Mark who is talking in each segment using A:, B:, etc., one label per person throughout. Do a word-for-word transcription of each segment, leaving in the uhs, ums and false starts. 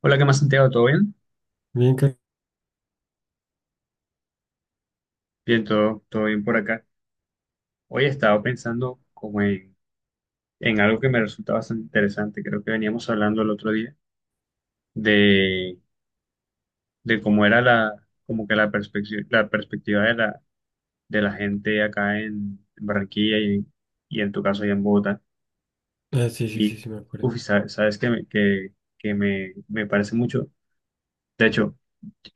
A: Hola, ¿qué más, Santiago? ¿Todo bien?
B: Bien, Car-
A: Bien, todo, todo bien por acá. Hoy he estado pensando como en, en algo que me resulta bastante interesante. Creo que veníamos hablando el otro día de, de cómo era la, como que la perspectiva, la perspectiva de la, de la gente acá en Barranquilla y, y en tu caso allá en Bogotá.
B: ah, sí, sí,
A: Y,
B: sí, sí, me
A: uf, y
B: acuerdo.
A: sa- sabes, que, me, que, que me, me parece mucho. De hecho,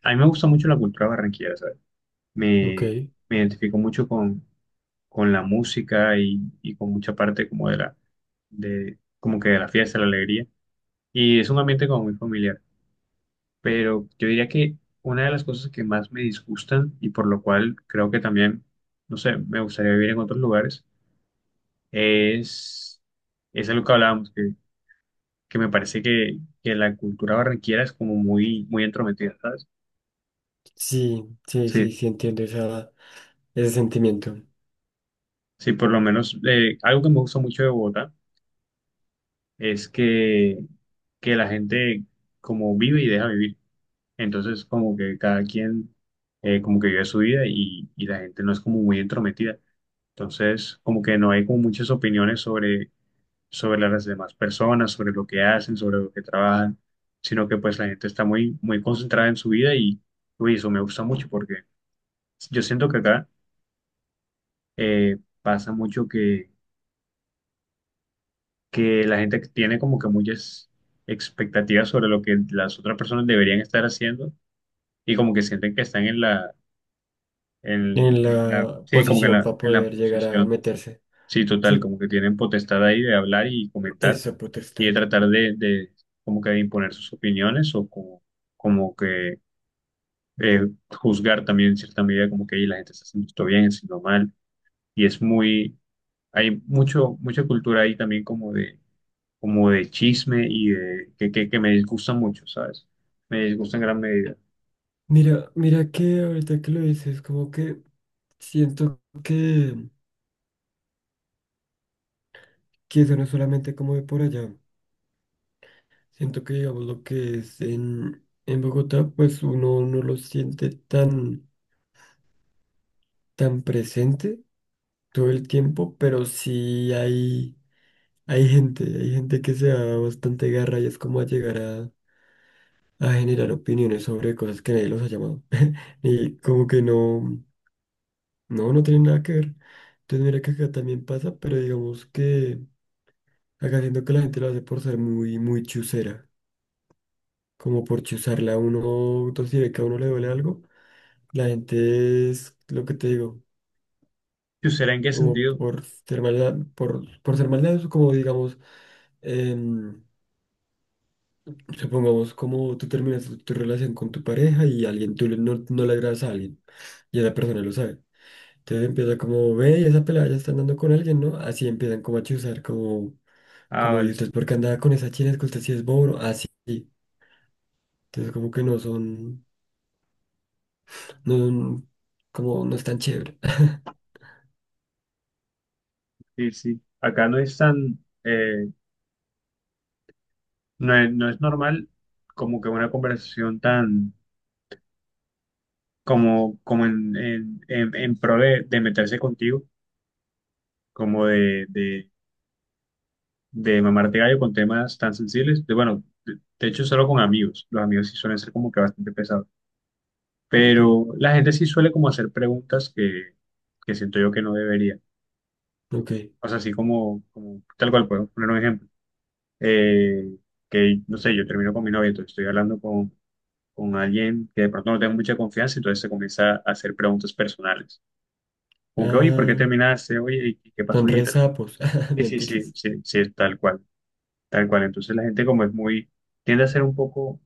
A: a mí me gusta mucho la cultura barranquillera, ¿sabes?
B: Ok,
A: Me, me identifico mucho con con la música y, y con mucha parte como de la, de, como que de la fiesta, la alegría. Y es un ambiente como muy familiar. Pero yo diría que una de las cosas que más me disgustan y por lo cual creo que también, no sé, me gustaría vivir en otros lugares, es, es algo que hablábamos, que, que me parece que, que la cultura barranquera es como muy, muy entrometida, ¿sabes?
B: sí, sí,
A: Sí.
B: sí, sí, entiendo esa, ese sentimiento
A: Sí, por lo menos eh, algo que me gusta mucho de Bogotá es que, que la gente como vive y deja vivir. Entonces, como que cada quien, eh, como que vive su vida y, y la gente no es como muy entrometida. Entonces, como que no hay como muchas opiniones sobre, sobre las demás personas, sobre lo que hacen, sobre lo que trabajan, sino que pues la gente está muy, muy concentrada en su vida y, uy, eso me gusta mucho porque yo siento que acá eh, pasa mucho que, que la gente tiene como que muchas expectativas sobre lo que las otras personas deberían estar haciendo y como que sienten que están en la en-
B: en
A: en la,
B: la
A: sí, como que en
B: posición
A: la,
B: para
A: en la
B: poder llegar a
A: posición,
B: meterse.
A: sí, total,
B: Sí,
A: como que tienen potestad ahí de hablar y comentar
B: esa
A: y de
B: potestad.
A: tratar de, de como que de imponer sus opiniones o como, como que eh, juzgar también en cierta medida como que ahí la gente está haciendo esto bien, haciendo mal y es muy, hay mucho, mucha cultura ahí también como de, como de chisme y de, que, que, que me disgusta mucho, ¿sabes? Me disgusta en gran medida.
B: Mira, mira que ahorita que lo dices, como que siento que, que eso no es solamente como de por allá. Siento que, digamos, lo que es en, en Bogotá, pues uno no lo siente tan, tan presente todo el tiempo, pero sí hay. Hay gente, hay gente que se da bastante garra y es como a llegar a, a generar opiniones sobre cosas que nadie los ha llamado. Y como que no, no, no tiene nada que ver. Entonces mira que acá también pasa, pero digamos que acá siento que la gente lo hace por ser muy, muy chusera. Como por chuzarla a uno, entonces si ve que a uno le duele algo, la gente es lo que te digo,
A: ¿Y será en qué
B: como
A: sentido?
B: por ser maldad, por, por ser maldad, como digamos, em, supongamos como tú terminas tu, tu relación con tu pareja y alguien, tú le- no, no le agradas a alguien y esa persona lo sabe. Entonces empieza como, ve, esa pelada ya está andando con alguien, ¿no? Así empiezan como a chuzar, como,
A: Ah,
B: como, ¿y
A: vale,
B: usted por qué andaba con esa china? Es que usted sí es bobo, así. Entonces como que no son, no son, como, no es tan chévere.
A: sí, sí. Acá no es tan... eh, no es, no es normal como que una conversación tan como, como en, en, en, en pro de, de meterse contigo, como de, de, de mamarte gallo con temas tan sensibles. De, bueno, de, de hecho solo con amigos. Los amigos sí suelen ser como que bastante pesados.
B: Ok,
A: Pero la gente sí suele como hacer preguntas que, que siento yo que no debería.
B: ok.
A: O sea, así como, como tal cual puedo poner un ejemplo. Eh, que no sé, yo termino con mi novia, entonces estoy hablando con con alguien que de pronto no tenga mucha confianza, entonces se comienza a hacer preguntas personales. Como que, oye, ¿por qué
B: Ah,
A: terminaste? Oye, ¿y qué
B: son
A: pasó? Y
B: re
A: tal.
B: sapos,
A: Sí, sí, sí,
B: mentiras.
A: sí, sí, es tal cual, tal cual. Entonces la gente como es muy, tiende a ser un poco,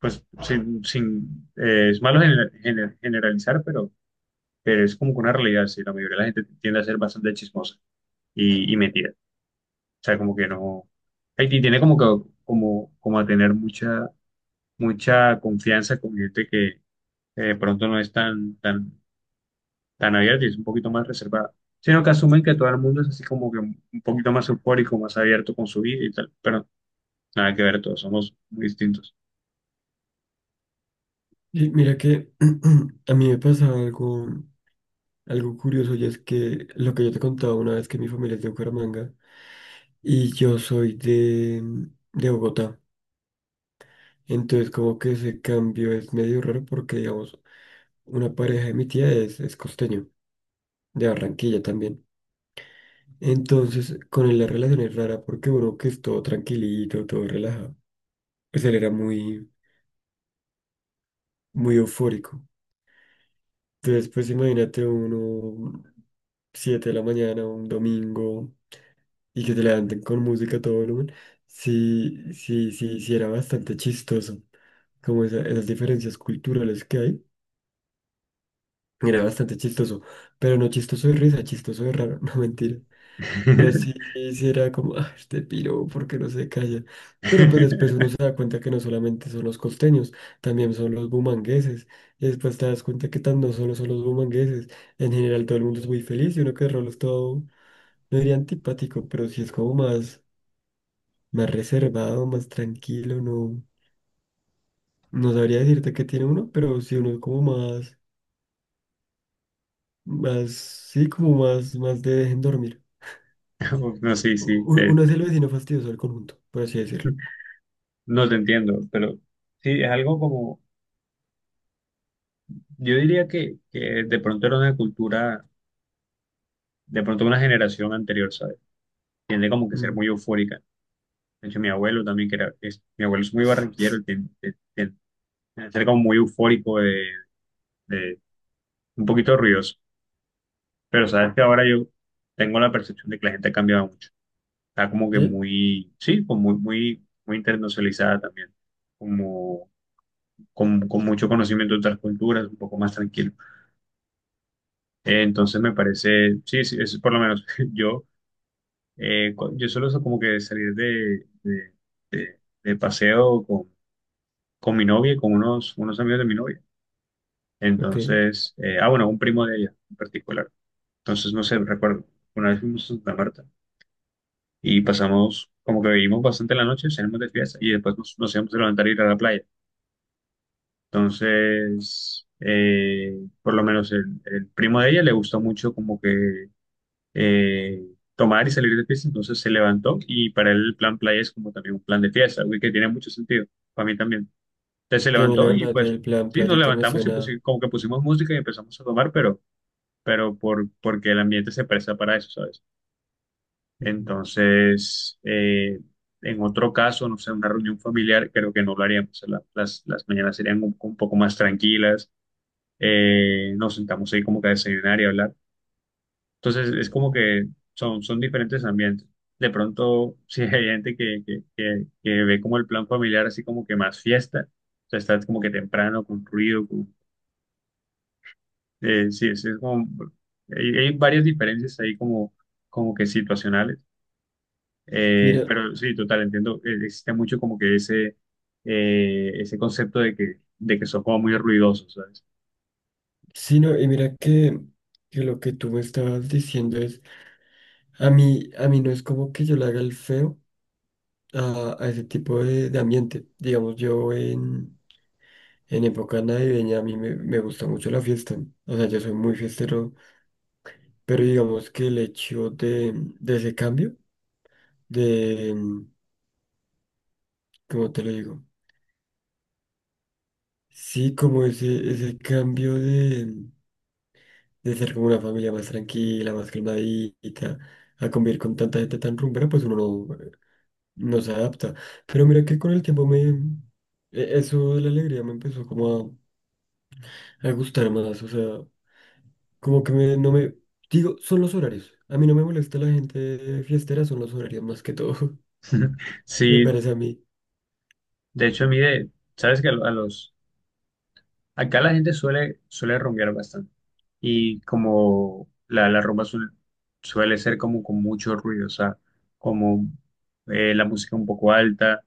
A: pues, sin, sin eh, es malo gener- gener- generalizar, pero, pero es como que una realidad, sí, la mayoría de la gente tiende a ser bastante chismosa y, y metida. O sea, como que no, Haití tiene como que, como, como a tener mucha, mucha confianza con gente que, que de pronto no es tan, tan tan abierta y es un poquito más reservada, sino que asumen que todo el mundo es así como que un poquito más eufórico, más abierto con su vida y tal, pero nada que ver, todos somos muy distintos.
B: Y mira que a mí me pasaba algo. Algo curioso y es que lo que yo te contaba una vez que mi familia es de Bucaramanga y yo soy de, de Bogotá. Entonces como que ese cambio es medio raro porque digamos una pareja de mi tía es, es costeño, de Barranquilla también. Entonces con él la relación es rara porque uno que es todo tranquilito, todo relajado, pues él era muy, muy eufórico. Entonces pues imagínate uno siete de la mañana, un domingo. Y que te levanten con música a todo volumen, sí, sí, sí, sí era bastante chistoso, como esa- esas diferencias culturales que hay, era bastante chistoso, pero no chistoso de risa, chistoso de raro, no mentira, pero sí, sí era como, ah, este piro, ¿por qué no se calla? Pero pues después uno se da cuenta que no solamente son los costeños, también son los bumangueses, y después te das cuenta que tan no solo son los bumangueses, en general todo el mundo es muy feliz y uno que de rolo es todo, no diría antipático, pero sí es como más, más reservado, más tranquilo, no, no sabría decirte que tiene uno, pero sí uno es como más, más, sí, como más, más de dejen dormir.
A: No, sí, sí,
B: U-
A: te-
B: Uno es el vecino fastidioso del conjunto, por así decirlo.
A: no te entiendo, pero sí, es algo como, yo diría que, que de pronto era una cultura, de pronto una generación anterior, ¿sabes? Tiende como que ser
B: Mm,
A: muy eufórica. De hecho, mi abuelo también, que era, es- mi abuelo es muy barranquillero, y tiende, tiende- tiende a ser como muy eufórico, de, de- un poquito ruidoso. Pero sabes que ahora yo tengo la percepción de que la gente ha cambiado mucho. Está como que
B: ¿sí?
A: muy, sí, como muy, muy, muy internacionalizada también. Como con, con mucho conocimiento de otras culturas, un poco más tranquilo. Eh, entonces me parece, sí, sí, es por lo menos yo, eh, cu- yo suelo so- como que salir de, de, de- de paseo con, con mi novia y con unos, unos amigos de mi novia.
B: Ok.
A: Entonces, eh, ah, bueno, un primo de ella en particular. Entonces, no sé, recuerdo, una vez fuimos a Santa Marta y pasamos, como que bebimos bastante la noche, salimos de fiesta y después nos, nos íbamos a levantar a ir a la playa. Entonces, eh, por lo menos el, el primo de ella le gustó mucho como que eh, tomar y salir de fiesta, entonces se levantó y para él el plan playa es como también un plan de fiesta, algo que tiene mucho sentido, para mí también. Entonces se
B: Sí, a mí la
A: levantó y
B: verdad
A: pues
B: el plan
A: sí, nos
B: playita me
A: levantamos y
B: suena.
A: pusi- como que pusimos música y empezamos a tomar, pero, pero por, porque el ambiente se presta para eso, ¿sabes?
B: Ujú.
A: Entonces, eh, en otro caso, no sé, una reunión familiar, creo que no lo haríamos. La- Las, las mañanas serían un, un poco más tranquilas. eh, nos sentamos ahí como que a desayunar y hablar. Entonces, es como que son, son diferentes ambientes. De pronto, si hay gente que, que, que, que ve como el plan familiar así como que más fiesta, o sea, está como que temprano, con ruido, con, eh, sí, es, es como, hay, hay varias diferencias ahí como, como que situacionales. Eh,
B: Mira,
A: pero sí, total, entiendo. eh, Existe mucho como que ese, eh, ese concepto de que, de que son como muy ruidosos, ¿sabes?
B: sí, no, y mira que, que lo que tú me estabas diciendo es, a mí, a mí no es como que yo le haga el feo a, a ese tipo de, de ambiente. Digamos, yo en En época navideña a mí me, me gusta mucho la fiesta. O sea, yo soy muy fiestero, pero digamos que el hecho de, de ese cambio, de, mm, ¿cómo te lo digo? Sí, como ese, ese cambio de, de ser como una familia más tranquila, más calmadita, a convivir con tanta gente tan rumbera, pues uno no, no se adapta. Pero mira que con el tiempo me, e- eso de la alegría me empezó como a, a gustar más, o sea, como que me- no me, digo, son los horarios. A mí no me molesta la gente fiestera, son los horarios más que todo. Me
A: Sí,
B: parece a mí.
A: de hecho a mí, de, ¿sabes que a, lo- a los, acá la gente suele, suele rumbear bastante. Y como la, la rumba suel- suele ser como con mucho ruido, o sea, como eh, la música un poco alta,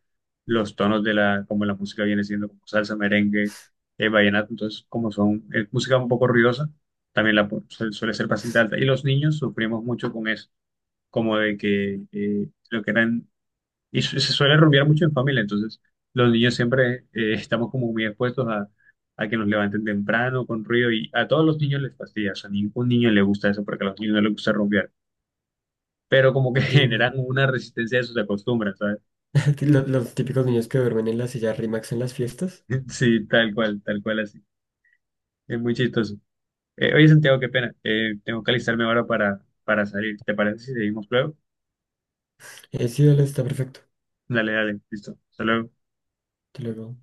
A: los tonos de la, como la música viene siendo como salsa, merengue, eh, vallenato, entonces como son, es música un poco ruidosa, también la pu- suel- suele ser bastante alta. Y los niños sufrimos mucho con eso, como de que eh, lo que eran y su- se suele rumbear mucho en familia, entonces los niños siempre eh, estamos como muy expuestos a, a que nos levanten temprano con ruido y a todos los niños les fastidia, o sea, a ningún niño le gusta eso porque a los niños no les gusta rumbear, pero como que
B: Sí,
A: generan
B: no.
A: una resistencia a sus acostumbran, ¿sabes?
B: Lo- Los, típicos niños que duermen en la silla RIMAX en las fiestas.
A: Sí, tal cual, tal cual así. Es muy chistoso. Eh, oye, Santiago, qué pena. Eh, tengo que alistarme ahora para, para salir. ¿Te parece si seguimos luego?
B: Eh, sí, dale, está perfecto.
A: Dale, dale, listo. Hasta luego.
B: Te lo digo.